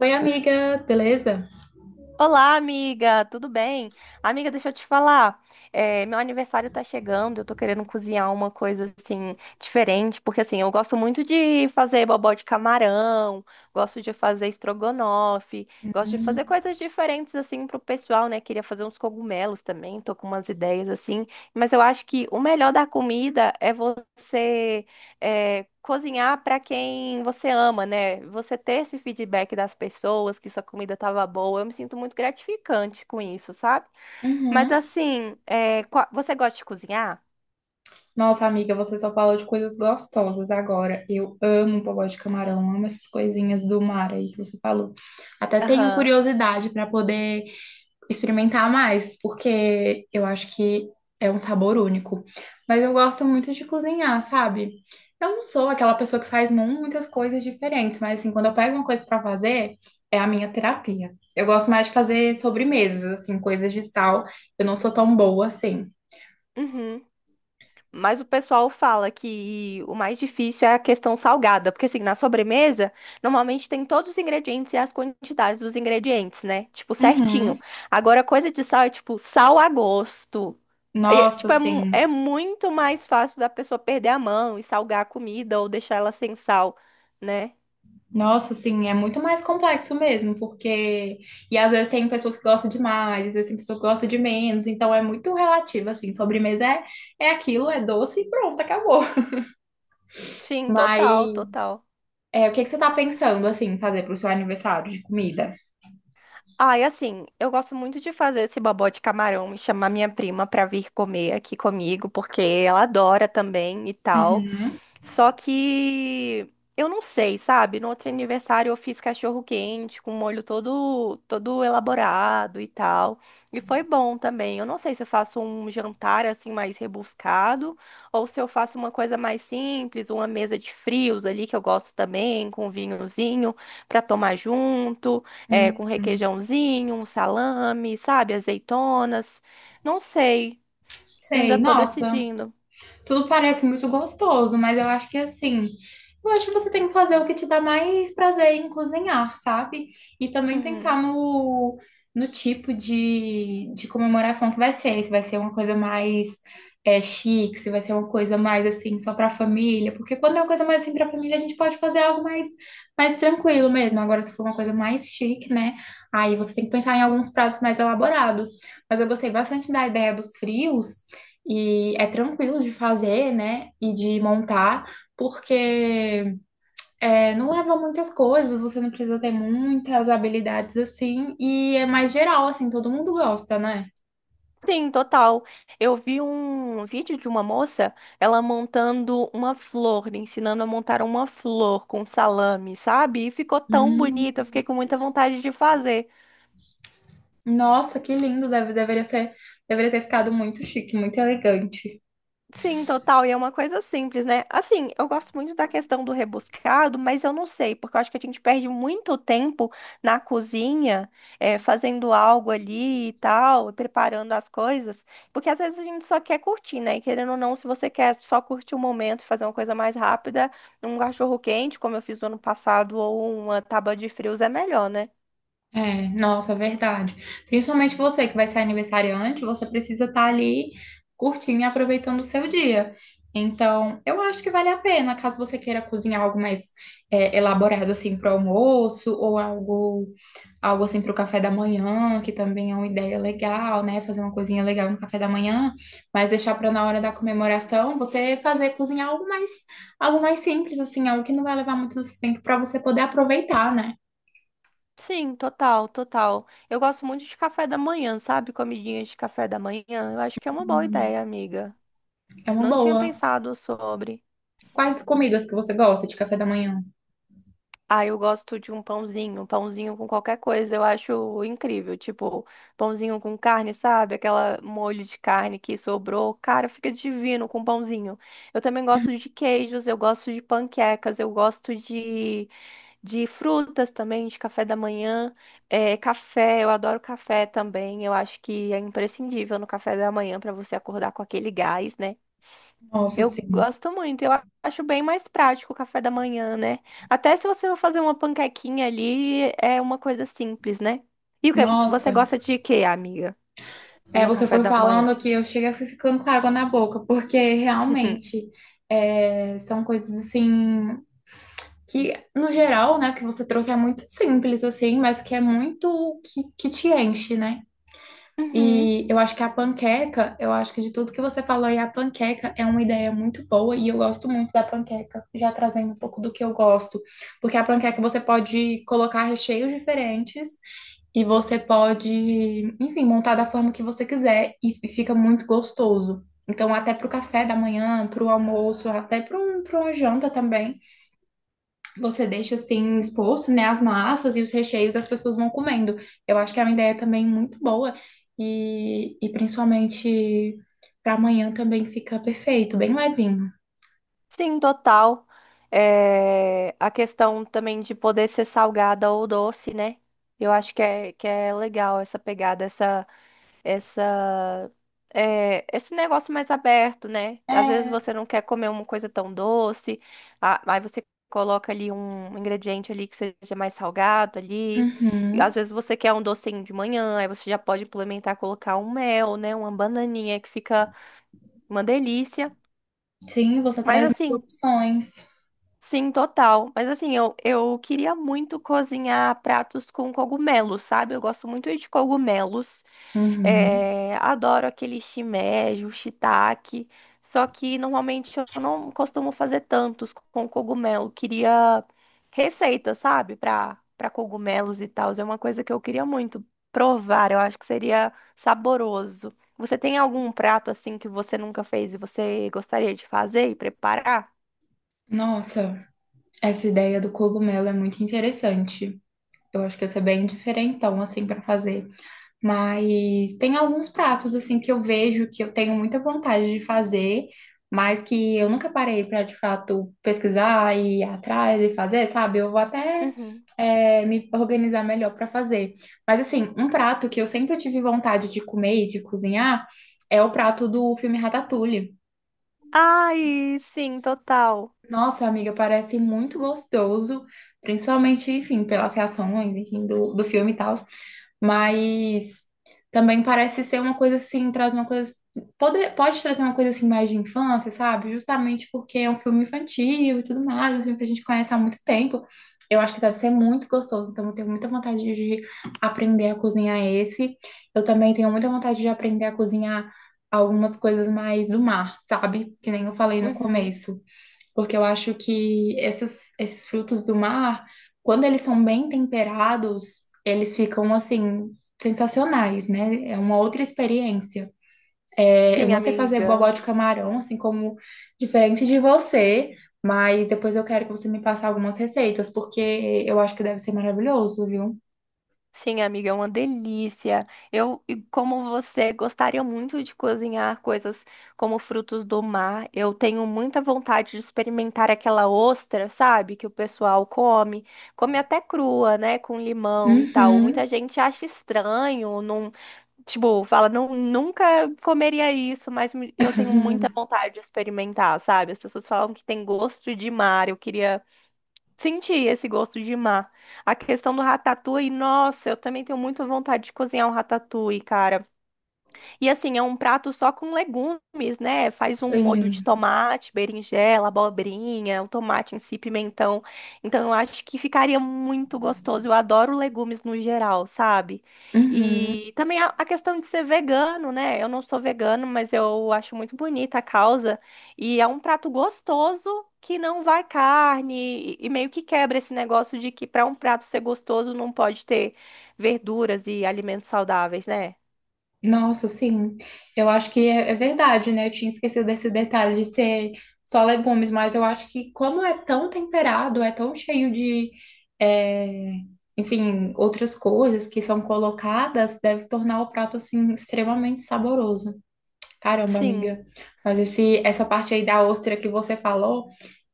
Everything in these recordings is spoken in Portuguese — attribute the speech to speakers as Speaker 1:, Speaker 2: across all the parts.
Speaker 1: Oi, amiga, beleza?
Speaker 2: Olá, amiga, tudo bem? Amiga, deixa eu te falar. Meu aniversário tá chegando, eu tô querendo cozinhar uma coisa assim diferente, porque assim, eu gosto muito de fazer bobó de camarão, gosto de fazer estrogonofe, gosto de fazer
Speaker 1: Hum.
Speaker 2: coisas diferentes assim pro pessoal, né? Queria fazer uns cogumelos também, tô com umas ideias assim, mas eu acho que o melhor da comida é cozinhar para quem você ama, né? Você ter esse feedback das pessoas que sua comida estava boa, eu me sinto muito gratificante com isso, sabe? Mas
Speaker 1: Uhum.
Speaker 2: assim, é, você gosta de cozinhar?
Speaker 1: Nossa, amiga, você só falou de coisas gostosas agora. Eu amo bobó de camarão, amo essas coisinhas do mar aí que você falou. Até tenho
Speaker 2: Aham.
Speaker 1: curiosidade para poder experimentar mais, porque eu acho que é um sabor único. Mas eu gosto muito de cozinhar, sabe? Eu não sou aquela pessoa que faz muitas coisas diferentes, mas assim, quando eu pego uma coisa pra fazer, é a minha terapia. Eu gosto mais de fazer sobremesas, assim, coisas de sal. Eu não sou tão boa assim.
Speaker 2: Uhum. Mas o pessoal fala que o mais difícil é a questão salgada, porque assim, na sobremesa, normalmente tem todos os ingredientes e as quantidades dos ingredientes, né? Tipo,
Speaker 1: Uhum.
Speaker 2: certinho. Agora, coisa de sal é tipo sal a gosto. Aí, é,
Speaker 1: Nossa,
Speaker 2: tipo, é
Speaker 1: assim.
Speaker 2: muito mais fácil da pessoa perder a mão e salgar a comida ou deixar ela sem sal, né?
Speaker 1: Nossa, assim, é muito mais complexo mesmo, porque. E às vezes tem pessoas que gostam de mais, às vezes tem pessoas que gostam de menos, então é muito relativo, assim. Sobremesa é aquilo, é doce e pronto, acabou.
Speaker 2: Sim, total,
Speaker 1: Mas
Speaker 2: total.
Speaker 1: o que que você tá pensando, assim, fazer pro seu aniversário de comida?
Speaker 2: Ah, e assim, eu gosto muito de fazer esse bobó de camarão e chamar minha prima pra vir comer aqui comigo, porque ela adora também e tal.
Speaker 1: Uhum.
Speaker 2: Só que eu não sei, sabe? No outro aniversário eu fiz cachorro quente com molho todo elaborado e tal. E foi bom também. Eu não sei se eu faço um jantar assim mais rebuscado ou se eu faço uma coisa mais simples, uma mesa de frios ali que eu gosto também, com vinhozinho para tomar junto, é, com
Speaker 1: Hum,
Speaker 2: requeijãozinho, um salame, sabe? Azeitonas. Não sei. Ainda
Speaker 1: sei,
Speaker 2: tô
Speaker 1: nossa,
Speaker 2: decidindo.
Speaker 1: tudo parece muito gostoso, mas eu acho que assim, eu acho que você tem que fazer o que te dá mais prazer em cozinhar, sabe? E também pensar
Speaker 2: Uhum.
Speaker 1: no tipo de comemoração que vai ser, se vai ser uma coisa mais chique, se vai ser uma coisa mais assim, só pra família, porque quando é uma coisa mais assim pra família, a gente pode fazer algo mais, mais tranquilo mesmo. Agora, se for uma coisa mais chique, né? Aí você tem que pensar em alguns pratos mais elaborados. Mas eu gostei bastante da ideia dos frios, e é tranquilo de fazer, né? E de montar, porque não leva muitas coisas, você não precisa ter muitas habilidades assim, e é mais geral, assim, todo mundo gosta, né?
Speaker 2: Sim, total. Eu vi um vídeo de uma moça, ela montando uma flor, ensinando a montar uma flor com salame, sabe? E ficou tão bonita, eu
Speaker 1: Hum.
Speaker 2: fiquei com muita vontade de fazer.
Speaker 1: Nossa, que lindo! Deveria ser, deveria ter ficado muito chique, muito elegante.
Speaker 2: Sim, total. E é uma coisa simples, né? Assim, eu gosto muito da questão do rebuscado, mas eu não sei, porque eu acho que a gente perde muito tempo na cozinha, fazendo algo ali e tal, preparando as coisas, porque às vezes a gente só quer curtir, né? E querendo ou não, se você quer só curtir o momento e fazer uma coisa mais rápida, um cachorro quente, como eu fiz no ano passado, ou uma tábua de frios é melhor, né?
Speaker 1: É, nossa, verdade. Principalmente você que vai ser aniversariante, você precisa estar ali curtindo e aproveitando o seu dia. Então, eu acho que vale a pena, caso você queira cozinhar algo mais elaborado assim para o almoço ou algo, algo assim para o café da manhã, que também é uma ideia legal, né? Fazer uma coisinha legal no café da manhã, mas deixar para na hora da comemoração, você fazer cozinhar algo mais simples assim, algo que não vai levar muito do seu tempo para você poder aproveitar, né?
Speaker 2: Sim, total, total. Eu gosto muito de café da manhã, sabe? Comidinhas de café da manhã. Eu acho que é uma boa
Speaker 1: Hum.
Speaker 2: ideia, amiga.
Speaker 1: É uma
Speaker 2: Não tinha
Speaker 1: boa.
Speaker 2: pensado sobre.
Speaker 1: Quais comidas que você gosta de café da manhã?
Speaker 2: Ah, eu gosto de um pãozinho, pãozinho com qualquer coisa, eu acho incrível. Tipo, pãozinho com carne, sabe? Aquela molho de carne que sobrou. Cara, fica divino com pãozinho. Eu também gosto de queijos, eu gosto de panquecas, de frutas também, de café da manhã. É, café, eu adoro café também. Eu acho que é imprescindível no café da manhã para você acordar com aquele gás, né?
Speaker 1: Nossa,
Speaker 2: Eu
Speaker 1: sim.
Speaker 2: gosto muito. Eu acho bem mais prático o café da manhã, né? Até se você for fazer uma panquequinha ali, é uma coisa simples, né? E o que você
Speaker 1: Nossa.
Speaker 2: gosta de quê, amiga?
Speaker 1: É,
Speaker 2: No
Speaker 1: você
Speaker 2: café
Speaker 1: foi
Speaker 2: da
Speaker 1: falando
Speaker 2: manhã?
Speaker 1: aqui, eu cheguei e fui ficando com água na boca, porque realmente são coisas assim que, no geral, né, que você trouxe é muito simples, assim, mas que é muito que te enche, né?
Speaker 2: Uhum.
Speaker 1: E eu acho que a panqueca, eu acho que de tudo que você falou aí, a panqueca é uma ideia muito boa e eu gosto muito da panqueca, já trazendo um pouco do que eu gosto. Porque a panqueca você pode colocar recheios diferentes e você pode, enfim, montar da forma que você quiser e fica muito gostoso. Então, até pro café da manhã, pro almoço, até para uma janta também você deixa assim exposto, né, as massas e os recheios, as pessoas vão comendo. Eu acho que é uma ideia também muito boa e principalmente para amanhã também fica perfeito, bem levinho.
Speaker 2: Sim, total. É, a questão também de poder ser salgada ou doce, né? Eu acho que que é legal essa pegada, essa esse negócio mais aberto, né? Às vezes
Speaker 1: É.
Speaker 2: você não quer comer uma coisa tão doce, aí você coloca ali um ingrediente ali que seja mais salgado ali. E
Speaker 1: Uhum.
Speaker 2: às vezes você quer um docinho de manhã, aí você já pode implementar, colocar um mel, né? Uma bananinha que fica uma delícia.
Speaker 1: Sim, você
Speaker 2: Mas
Speaker 1: traz mais
Speaker 2: assim,
Speaker 1: opções.
Speaker 2: sim, total. Mas assim, eu queria muito cozinhar pratos com cogumelos, sabe? Eu gosto muito de cogumelos.
Speaker 1: Uhum.
Speaker 2: É, adoro aquele shimeji, o shiitake, só que normalmente eu não costumo fazer tantos com cogumelo. Queria receita, sabe, para cogumelos e tal. É uma coisa que eu queria muito provar. Eu acho que seria saboroso. Você tem algum prato assim que você nunca fez e você gostaria de fazer e preparar?
Speaker 1: Nossa, essa ideia do cogumelo é muito interessante. Eu acho que essa é bem diferentão assim para fazer. Mas tem alguns pratos assim que eu vejo que eu tenho muita vontade de fazer, mas que eu nunca parei para de fato pesquisar e ir atrás e fazer, sabe? Eu vou até
Speaker 2: Uhum.
Speaker 1: me organizar melhor para fazer. Mas assim, um prato que eu sempre tive vontade de comer e de cozinhar é o prato do filme Ratatouille.
Speaker 2: Ai, sim, total.
Speaker 1: Nossa, amiga, parece muito gostoso, principalmente, enfim, pelas reações, enfim, do filme e tal. Mas também parece ser uma coisa assim, traz uma coisa. Pode trazer uma coisa assim mais de infância, sabe? Justamente porque é um filme infantil e tudo mais, um filme que a gente conhece há muito tempo. Eu acho que deve ser muito gostoso, então eu tenho muita vontade de aprender a cozinhar esse. Eu também tenho muita vontade de aprender a cozinhar algumas coisas mais do mar, sabe? Que nem eu falei no
Speaker 2: Uhum.
Speaker 1: começo, porque eu acho que esses frutos do mar, quando eles são bem temperados, eles ficam assim. Sensacionais, né? É uma outra experiência. É, eu
Speaker 2: Sim,
Speaker 1: não sei fazer bobó
Speaker 2: amiga.
Speaker 1: de camarão, assim como diferente de você, mas depois eu quero que você me passe algumas receitas, porque eu acho que deve ser maravilhoso, viu?
Speaker 2: Sim, amiga, é uma delícia. Eu, e como você, gostaria muito de cozinhar coisas como frutos do mar. Eu tenho muita vontade de experimentar aquela ostra, sabe? Que o pessoal come. Come até crua, né? Com limão e tal.
Speaker 1: Uhum.
Speaker 2: Muita gente acha estranho, não, tipo, fala, não, nunca comeria isso, mas eu tenho muita vontade de experimentar, sabe? As pessoas falam que tem gosto de mar. Eu queria. Senti esse gosto de mar. A questão do ratatouille, nossa, eu também tenho muita vontade de cozinhar um ratatouille, cara. E assim, é um prato só com legumes, né? Faz um molho de
Speaker 1: Sim.
Speaker 2: tomate, berinjela, abobrinha, o tomate em si, pimentão. Então, eu acho que ficaria muito gostoso. Eu adoro legumes no geral, sabe?
Speaker 1: Uhum.
Speaker 2: E também a questão de ser vegano, né? Eu não sou vegano, mas eu acho muito bonita a causa. E é um prato gostoso que não vai carne e meio que quebra esse negócio de que para um prato ser gostoso não pode ter verduras e alimentos saudáveis, né?
Speaker 1: Nossa, sim. Eu acho que é verdade, né? Eu tinha esquecido desse detalhe de ser só legumes, mas eu acho que como é tão temperado, é tão cheio de, é, enfim, outras coisas que são colocadas, deve tornar o prato, assim, extremamente saboroso. Caramba,
Speaker 2: Sim.
Speaker 1: amiga. Mas essa parte aí da ostra que você falou,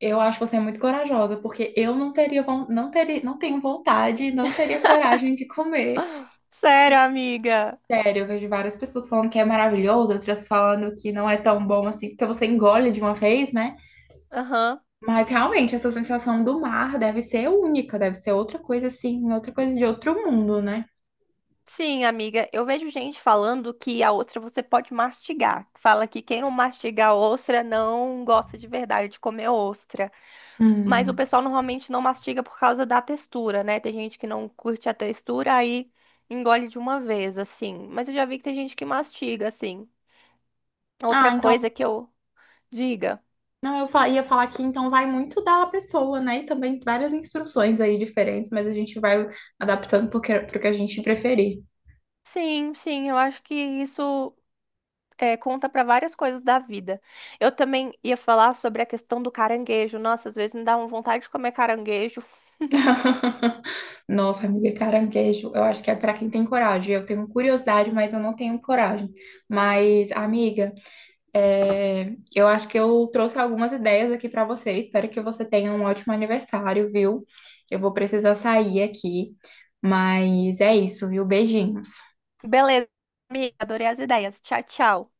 Speaker 1: eu acho você muito corajosa, porque eu não teria, não teria, não tenho vontade, não teria coragem de comer.
Speaker 2: Sério, amiga.
Speaker 1: Sério, eu vejo várias pessoas falando que é maravilhoso, outras falando que não é tão bom assim, porque você engole de uma vez, né?
Speaker 2: Aham.
Speaker 1: Mas realmente, essa sensação do mar deve ser única, deve ser outra coisa assim, outra coisa de outro mundo, né?
Speaker 2: Sim, amiga. Eu vejo gente falando que a ostra você pode mastigar. Fala que quem não mastiga a ostra não gosta de verdade de comer ostra. Mas o
Speaker 1: Hum.
Speaker 2: pessoal normalmente não mastiga por causa da textura, né? Tem gente que não curte a textura, aí engole de uma vez, assim. Mas eu já vi que tem gente que mastiga, assim.
Speaker 1: Ah,
Speaker 2: Outra
Speaker 1: então,
Speaker 2: coisa que eu diga.
Speaker 1: não, eu ia falar que então vai muito da pessoa, né? E também várias instruções aí diferentes, mas a gente vai adaptando pro pro que a gente preferir.
Speaker 2: Sim, sim, eu acho que isso. É, conta para várias coisas da vida. Eu também ia falar sobre a questão do caranguejo. Nossa, às vezes me dá uma vontade de comer caranguejo.
Speaker 1: Nossa, amiga, caranguejo, eu acho que é pra quem tem coragem. Eu tenho curiosidade, mas eu não tenho coragem. Mas, amiga, é, eu acho que eu trouxe algumas ideias aqui para você. Espero que você tenha um ótimo aniversário, viu? Eu vou precisar sair aqui, mas é isso, viu? Beijinhos.
Speaker 2: Beleza, amiga, adorei as ideias. Tchau, tchau.